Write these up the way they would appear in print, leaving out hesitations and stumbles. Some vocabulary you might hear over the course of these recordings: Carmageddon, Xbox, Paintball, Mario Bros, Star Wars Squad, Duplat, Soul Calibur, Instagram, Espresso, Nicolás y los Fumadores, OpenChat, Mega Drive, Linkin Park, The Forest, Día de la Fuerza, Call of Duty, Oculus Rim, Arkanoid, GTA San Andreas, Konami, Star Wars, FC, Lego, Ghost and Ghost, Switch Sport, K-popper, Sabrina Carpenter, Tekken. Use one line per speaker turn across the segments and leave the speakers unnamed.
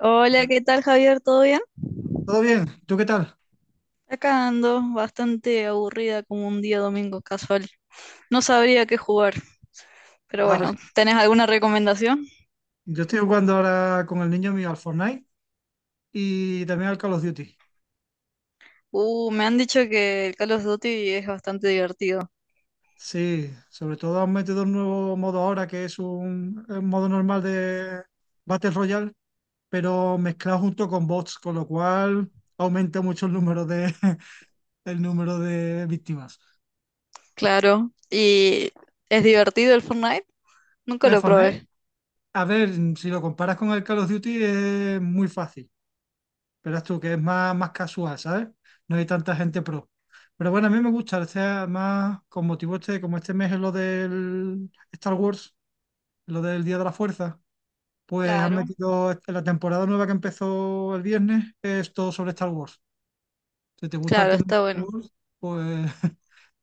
Hola, ¿qué tal, Javier? ¿Todo bien?
¿Todo bien? ¿Tú qué tal?
Acá ando, bastante aburrida como un día domingo casual. No sabría qué jugar, pero
Vale.
bueno, ¿tenés alguna recomendación?
Yo estoy jugando ahora con el niño mío al Fortnite y también al Call of Duty.
Me han dicho que el Call of Duty es bastante divertido.
Sí, sobre todo han metido un nuevo modo ahora que es un modo normal de Battle Royale, pero mezclado junto con bots, con lo cual aumenta mucho el número de, el número de víctimas.
Claro. ¿Y es divertido el Fortnite? Nunca
El
lo
Fortnite,
probé.
a ver, si lo comparas con el Call of Duty es muy fácil. Verás tú que es más casual, ¿sabes? No hay tanta gente pro. Pero bueno, a mí me gusta, este más con motivo este, como este mes es lo del Star Wars, lo del Día de la Fuerza, pues han
Claro,
metido la temporada nueva que empezó el viernes, es todo sobre Star Wars. Si te gusta el
claro,
tema de
está
Star
bueno.
Wars, pues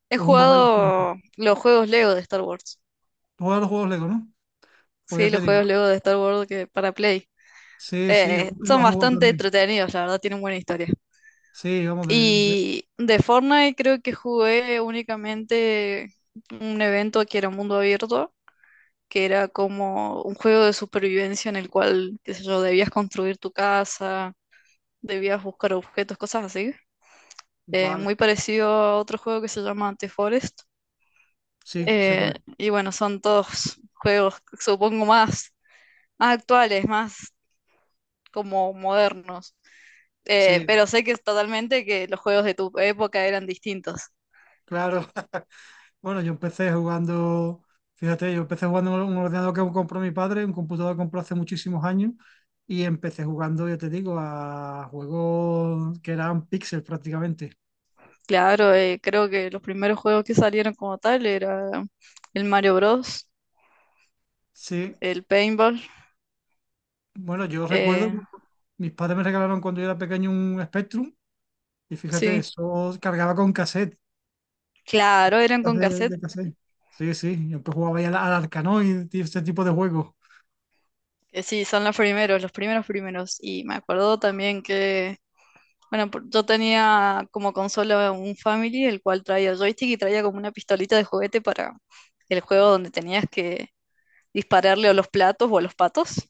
He
es un buen aliciente.
jugado los juegos Lego de Star Wars.
Tú los juegos Lego, ¿no? Pues ya
Sí,
te
los
digo.
juegos Lego de Star Wars que para Play.
Sí, sí, yo lo
Son
he jugado
bastante
también.
entretenidos, la verdad, tienen buena historia.
Sí, vamos,
Y de Fortnite creo que jugué únicamente un evento que era mundo abierto, que era como un juego de supervivencia en el cual, qué sé yo, debías construir tu casa, debías buscar objetos, cosas así.
Vale,
Muy parecido a otro juego que se llama The Forest.
sí, se puede.
Y bueno, son todos juegos, supongo, más, más actuales, más como modernos.
Sí,
Pero sé que es totalmente que los juegos de tu época eran distintos.
claro. Bueno, yo empecé jugando, fíjate, yo empecé jugando en un ordenador que compró mi padre, un computador que compró hace muchísimos años, y empecé jugando, ya te digo, a juegos que eran píxeles prácticamente.
Claro, creo que los primeros juegos que salieron como tal era el Mario Bros,
Sí,
el Paintball,
bueno, yo recuerdo,
eh,
mis padres me regalaron cuando yo era pequeño un Spectrum, y fíjate,
sí,
eso cargaba con cassette,
claro, eran con
de,
cassette,
de cassette. Sí, sí, yo empecé jugaba ahí al Arkanoid y este tipo de juegos.
sí, son los primeros primeros, y me acuerdo también que, bueno, yo tenía como consola un Family, el cual traía joystick y traía como una pistolita de juguete para el juego donde tenías que dispararle a los platos o a los patos,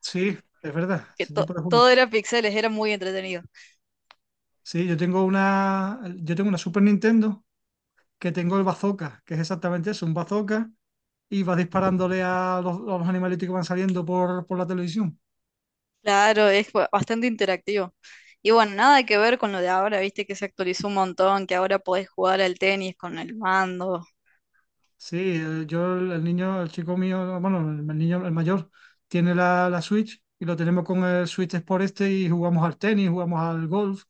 Sí, es verdad,
que
ese tipo de juegos.
todo era pixeles, era muy entretenido.
Sí, yo tengo una Super Nintendo que tengo el bazooka, que es exactamente eso, un bazooka, y vas disparándole a a los animalitos que van saliendo por la televisión.
Claro, es bastante interactivo. Y bueno, nada que ver con lo de ahora, viste que se actualizó un montón, que ahora podés jugar al tenis con el mando.
Sí, yo, el niño, el chico mío, bueno, el niño, el mayor, tiene la Switch y lo tenemos con el Switch Sport este y jugamos al tenis, jugamos al golf.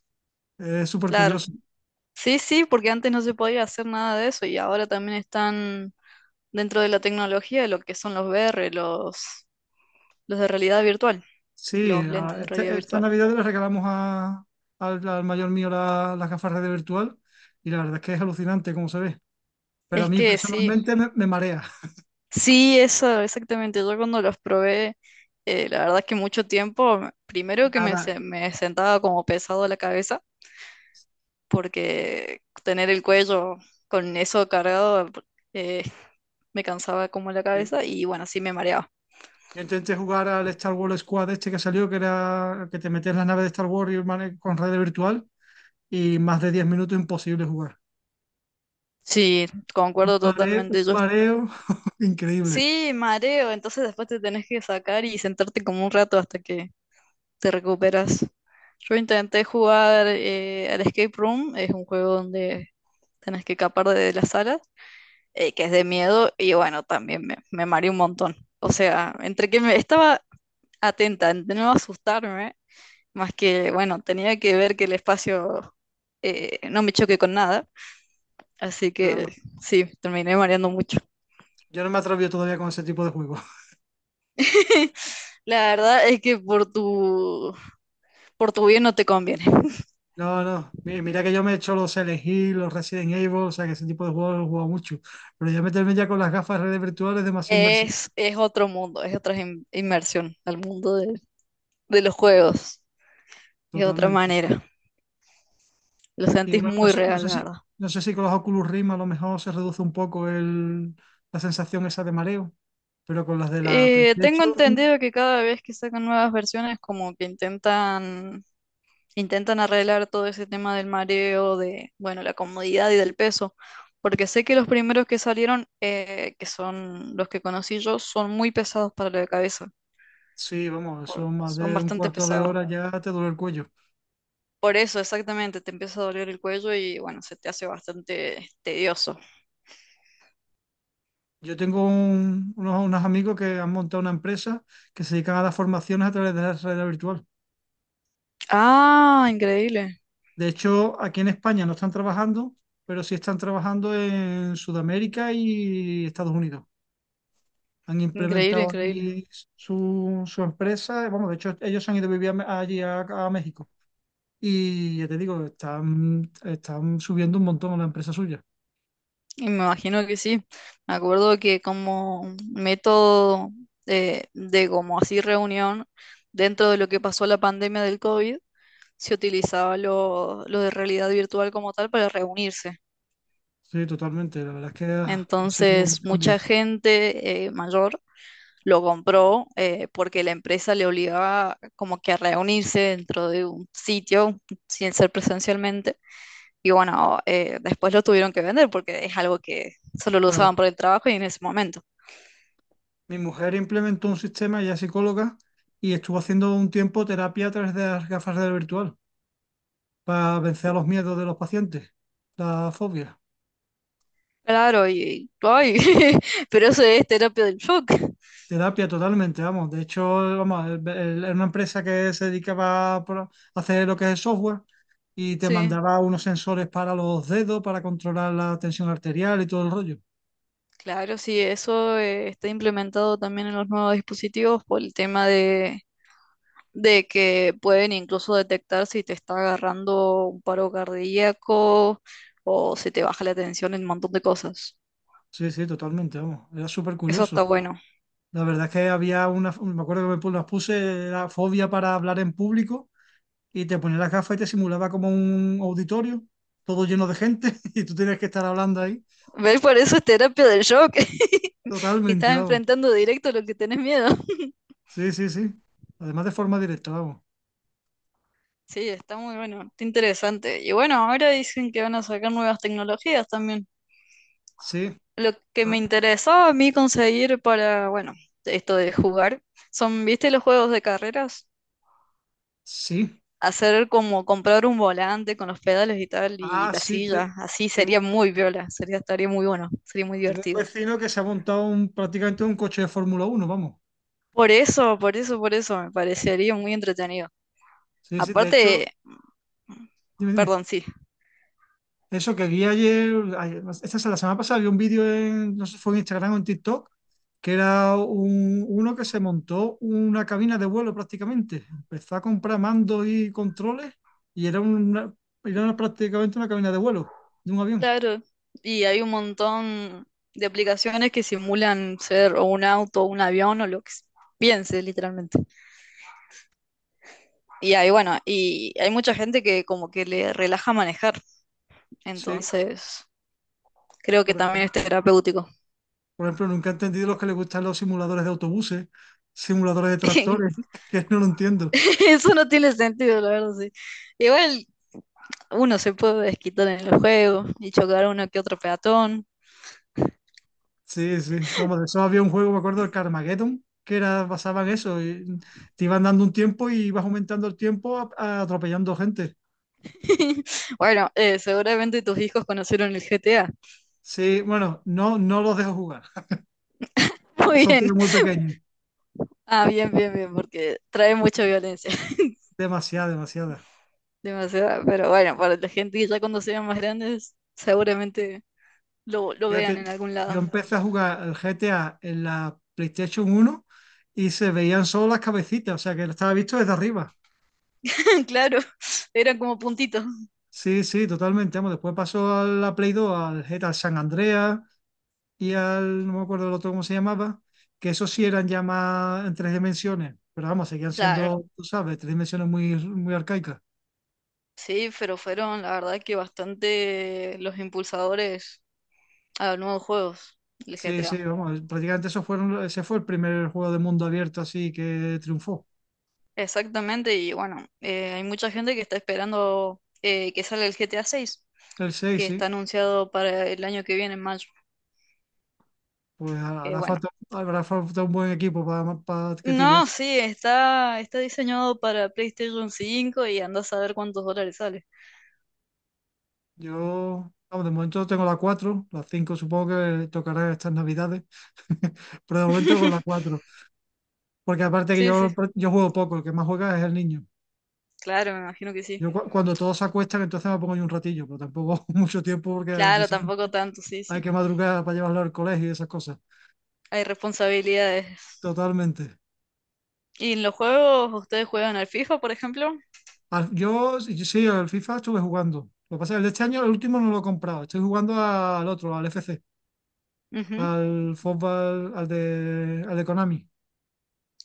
Es súper
Claro,
curioso.
sí, sí, porque antes no se podía hacer nada de eso y ahora también están dentro de la tecnología lo que son los VR, los de realidad virtual,
Sí,
los lentes de realidad
esta
virtual.
Navidad le regalamos al mayor mío las gafas de virtual y la verdad es que es alucinante cómo se ve. Pero a
Es
mí
que sí,
personalmente me marea.
sí, eso, exactamente. Yo cuando los probé, la verdad es que mucho tiempo, primero que me,
Nada.
me sentaba como pesado la cabeza porque tener el cuello con eso cargado eh, me cansaba como la cabeza y bueno, sí me mareaba.
Yo intenté jugar al Star Wars Squad este que salió, que era que te metías en la nave de Star Wars y con red virtual, y más de 10 minutos imposible jugar.
Sí, concuerdo
Un
totalmente.
mareo increíble.
Sí, mareo, entonces después te tenés que sacar y sentarte como un rato hasta que te recuperas. Yo intenté jugar al Escape Room, es un juego donde tenés que escapar de las salas, que es de miedo, y bueno, también me mareé un montón. O sea, entre que me estaba atenta, de no asustarme, más que, bueno, tenía que ver que el espacio no me choque con nada. Así que
Claro.
sí, terminé mareando mucho.
Yo no me atrevo todavía con ese tipo de juegos.
La verdad es que por por tu bien no te conviene.
No, no. Mira que yo me he hecho los Silent Hill, los Resident Evil, o sea que ese tipo de juegos los he jugado mucho. Pero ya meterme ya con las gafas de redes virtuales es demasiado inversivo.
Es otro mundo, es otra inmersión al mundo de los juegos. Es otra
Totalmente.
manera. Lo
Y
sentís
bueno, no
muy
sé,
real, la verdad.
no sé si con los Oculus Rim a lo mejor se reduce un poco el, la sensación esa de mareo. Pero con las de la
Tengo
PlayStation,
entendido que cada vez que sacan nuevas versiones, como que intentan intentan arreglar todo ese tema del mareo, de, bueno, la comodidad y del peso, porque sé que los primeros que salieron, que son los que conocí yo, son muy pesados para la cabeza,
sí, vamos, son más
son
de un
bastante
cuarto de
pesados.
hora ya te duele el cuello.
Por eso, exactamente, te empieza a doler el cuello y bueno, se te hace bastante tedioso.
Yo tengo unos amigos que han montado una empresa que se dedican a las formaciones a través de la realidad virtual.
Ah, increíble,
De hecho, aquí en España no están trabajando, pero sí están trabajando en Sudamérica y Estados Unidos. Han
increíble,
implementado
increíble.
allí su empresa. Vamos, de hecho, ellos se han ido a vivir allí a México. Y ya te digo, están subiendo un montón la empresa suya.
Y me imagino que sí. Me acuerdo que como método de como así reunión dentro de lo que pasó la pandemia del COVID, se utilizaba lo de realidad virtual como tal para reunirse.
Sí, totalmente. La verdad es que ha sido un
Entonces, mucha
cambio.
gente mayor lo compró porque la empresa le obligaba como que a reunirse dentro de un sitio sin ser presencialmente. Y bueno, después lo tuvieron que vender porque es algo que solo lo usaban
Claro.
por el trabajo y en ese momento.
Mi mujer implementó un sistema, ella es psicóloga, y estuvo haciendo un tiempo terapia a través de las gafas de realidad virtual para vencer los miedos de los pacientes, la fobia.
Claro, y, ay, pero eso es terapia del shock.
Terapia totalmente, vamos. De hecho, vamos, era una empresa que se dedicaba a hacer lo que es el software y te
Sí,
mandaba unos sensores para los dedos para controlar la tensión arterial y todo el rollo.
claro, sí, eso está implementado también en los nuevos dispositivos por el tema de que pueden incluso detectar si te está agarrando un paro cardíaco o se te baja la tensión en un montón de cosas.
Sí, sí, totalmente, vamos. Era súper
Eso
curioso.
está bueno.
La verdad es que había una, me acuerdo que las puse la fobia para hablar en público y te ponía las gafas y te simulaba como un auditorio, todo lleno de gente y tú tenías que estar hablando ahí.
¿Ves? Por eso es terapia del shock. Te
Totalmente,
estás
vamos.
enfrentando directo a lo que tenés miedo.
Sí, sí, sí. Además de forma directa, vamos.
Sí, está muy bueno, está interesante. Y bueno, ahora dicen que van a sacar nuevas tecnologías también.
Sí,
Lo que me
ah,
interesaba a mí conseguir para, bueno, esto de jugar, son, ¿viste los juegos de carreras?
sí.
Hacer como comprar un volante con los pedales y tal y
Ah,
la
sí.
silla, así
Tengo,
sería muy viola, sería, estaría muy bueno, sería muy
tengo un
divertido.
vecino que se ha montado un, prácticamente un coche de Fórmula 1 vamos.
Por eso, por eso, por eso, me parecería muy entretenido.
Sí, sí. De
Aparte,
hecho, dime, dime.
perdón, sí.
Eso que vi ayer, esta es la semana pasada, vi un vídeo en, no sé si fue en Instagram o en TikTok, que era uno que se montó una cabina de vuelo prácticamente. Empezó a comprar mandos y controles y prácticamente una cabina de vuelo de un avión.
Claro, y hay un montón de aplicaciones que simulan ser o un auto, un avión o pienses literalmente. Y ahí, bueno, y hay mucha gente que como que le relaja manejar,
Sí,
entonces creo que
por,
también
ej-
es terapéutico.
por ejemplo, nunca he entendido los que les gustan los simuladores de autobuses, simuladores de tractores, que no lo entiendo.
Eso no tiene sentido, la verdad, sí. Igual uno se puede desquitar en el juego y chocar a uno que otro peatón.
Sí, sí, vamos, de eso había un juego, me acuerdo, el Carmageddon, que era, basaba en eso, y te iban dando un tiempo y ibas aumentando el tiempo atropellando gente.
Bueno, seguramente tus hijos conocieron el GTA.
Sí, bueno, no, no los dejo jugar,
Muy
son todos
bien.
muy pequeños,
Ah, bien, bien, bien, porque trae mucha violencia,
demasiada, demasiada.
demasiada. Pero bueno, para la gente que ya cuando sean más grandes, seguramente lo vean
Fíjate,
en algún
yo
lado.
empecé a jugar el GTA en la PlayStation 1 y se veían solo las cabecitas, o sea que lo estaba visto desde arriba.
Claro, eran como puntitos.
Sí, sí, totalmente, vamos, después pasó a la Play 2, al GTA San Andreas. Y no me acuerdo el otro cómo se llamaba, que esos sí eran ya más en tres dimensiones, pero vamos, seguían
Claro,
siendo, tú sabes, tres dimensiones muy, muy arcaicas.
sí, pero fueron la verdad que bastante los impulsadores a los nuevos juegos, el
Sí, sí,
GTA.
vamos, prácticamente ese fue el primer juego de mundo abierto así que triunfó.
Exactamente, y bueno, hay mucha gente que está esperando que salga el GTA 6,
El 6
que
sí,
está anunciado para el año que viene en mayo,
pues
que
hará
bueno.
falta, habrá falta un buen equipo para, que tire
No,
eso.
sí, está, está diseñado para PlayStation 5 y anda a saber cuántos dólares sale.
Yo, vamos, de momento tengo la 4 la 5 supongo que tocará estas navidades, pero de momento con la 4 porque aparte que
Sí, sí,
yo juego poco, el que más juega es el niño.
claro, me imagino que sí.
Yo cuando todos se acuestan, entonces me pongo yo un ratillo, pero tampoco mucho tiempo porque al día
Claro,
siguiente
tampoco tanto, sí,
hay
sí.
que madrugar para llevarlo al colegio y esas cosas.
Hay responsabilidades.
Totalmente.
¿Y en los juegos ustedes juegan al FIFA, por ejemplo?
Yo, sí, yo sí, al FIFA estuve jugando. Lo que pasa es que el de este año, el último no lo he comprado. Estoy jugando al otro, al FC,
Ujú,
al fútbol, al de Konami,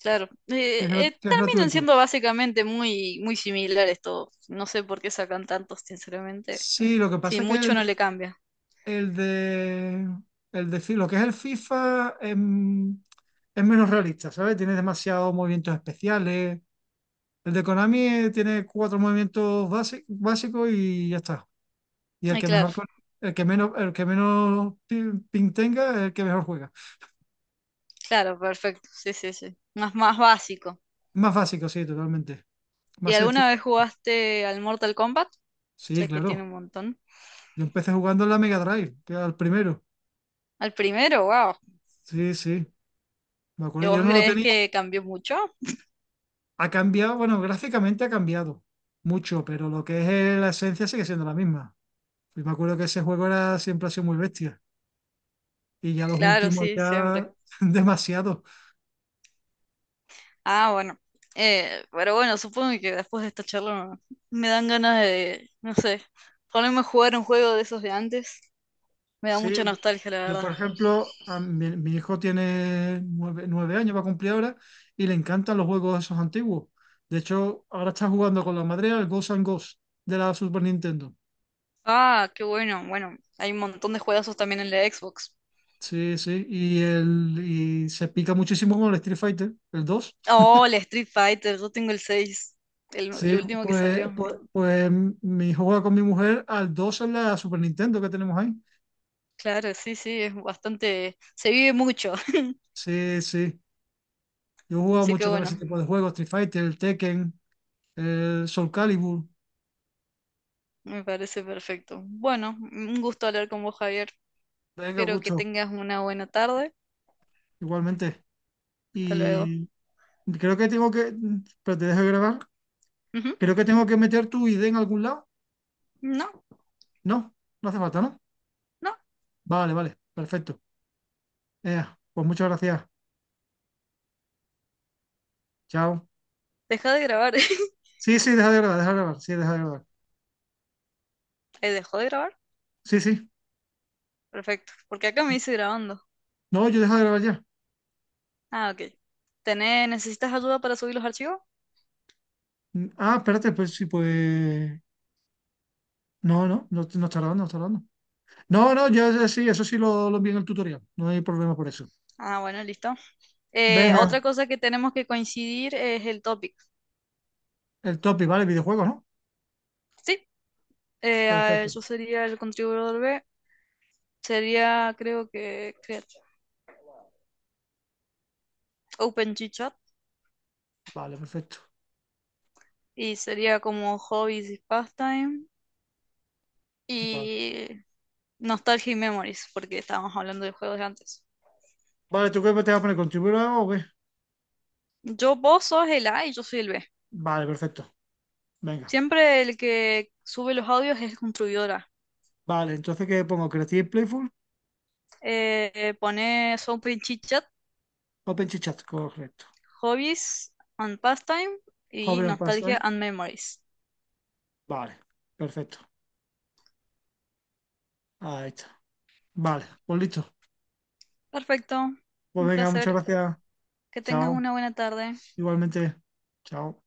claro.
que es, que es
Terminan
gratuito.
siendo básicamente muy, muy similares todos. No sé por qué sacan tantos, sinceramente.
Sí, lo que pasa
Sí,
es que
mucho no le cambia.
el de, lo que es el FIFA es menos realista, ¿sabes? Tiene demasiados movimientos especiales. El de Konami tiene cuatro movimientos básicos y ya está. Y el
Ay,
que
claro,
mejor, el que menos pin tenga, es el que mejor juega.
claro, perfecto. Sí, sí, sí. Más, más básico.
Más básico, sí, totalmente.
¿Y
Más sencillo.
alguna vez jugaste al Mortal Kombat?
Sí,
Sé que
claro.
tiene un montón.
Yo empecé jugando en la Mega Drive, que era el primero.
Al primero, wow.
Sí, sí. Me
¿Y
acuerdo. Yo
vos
no lo
crees
tenía.
que cambió mucho?
Ha cambiado, bueno, gráficamente ha cambiado mucho, pero lo que es la esencia sigue siendo la misma. Y me acuerdo que ese juego era, siempre ha sido muy bestia. Y ya los
Claro,
últimos
sí,
ya
siempre.
demasiado.
Ah, bueno. Pero bueno, supongo que después de esta charla me dan ganas de, no sé, ponerme a jugar un juego de esos de antes. Me da
Sí,
mucha nostalgia, la
yo
verdad.
por ejemplo, a mi hijo tiene 9 años, va a cumplir ahora, y le encantan los juegos esos antiguos. De hecho, ahora está jugando con la madre al Ghost and Ghost de la Super Nintendo.
Ah, qué bueno. Bueno, hay un montón de juegazos también en la Xbox.
Sí, sí, y se pica muchísimo con el Street Fighter, el 2.
Oh, el Street Fighter, yo tengo el 6, el
Sí,
último que
pues,
salió.
pues,
Es-
pues mi hijo juega con mi mujer al 2 en la Super Nintendo que tenemos ahí.
Claro, sí, sí, es bastante... Se vive mucho.
Sí, sí. Yo he jugado
Así que
mucho también ese
bueno,
tipo de juegos, Street Fighter, el Tekken, el Soul Calibur.
me parece perfecto. Bueno, un gusto hablar con vos, Javier.
Venga,
Espero que
gusto,
tengas una buena tarde.
igualmente.
Hasta luego.
Y creo que tengo que... Pero te dejo grabar.
Ujú.
Creo que tengo que meter tu ID en algún lado.
No.
No, no hace falta, ¿no?
No.
Vale, vale, perfecto. Ea, pues muchas gracias. Chao.
Deja de grabar.
Sí, sí, deja de grabar, deja de grabar. Sí, deja de grabar.
¿Dejó de grabar?
Sí, sí.
Perfecto. Porque acá me dice grabando.
No, yo dejo de grabar ya.
Ah, ok. Tenés ¿necesitas ayuda para subir los archivos?
Mm, ah, espérate, pues sí, pues... No, no, no, no está grabando, no está grabando. No, no, yo sí, eso sí lo envié en el tutorial. No hay problema por eso.
Ah, bueno, listo. Otra
Venga,
cosa que tenemos que coincidir es el topic.
el topic, ¿vale? Videojuegos, ¿no?
Sí,
Perfecto.
yo sería el contribuidor B. Sería, creo que, Open G-Chat.
Vale, perfecto.
Y sería como hobbies y pastime.
Vale,
Y nostalgia y memories, porque estábamos hablando de juegos de antes.
Vale, ¿tú qué te vas a poner? ¿Contribuir o qué?
Yo, vos sos el A y yo soy el B.
Vale, perfecto. Venga.
Siempre el que sube los audios es el contribuidor A.
Vale, entonces ¿qué pongo? Creative Playful,
Pone Soapy Chit Chat,
OpenChat, correcto.
Hobbies and Pastime y
Joven Sí. OpenStack,
Nostalgia and Memories.
vale, perfecto. Ahí está. Vale, pues listo.
Perfecto,
Pues
un
venga, muchas
placer.
gracias.
Que tengas
Chao.
una buena tarde.
Igualmente. Chao.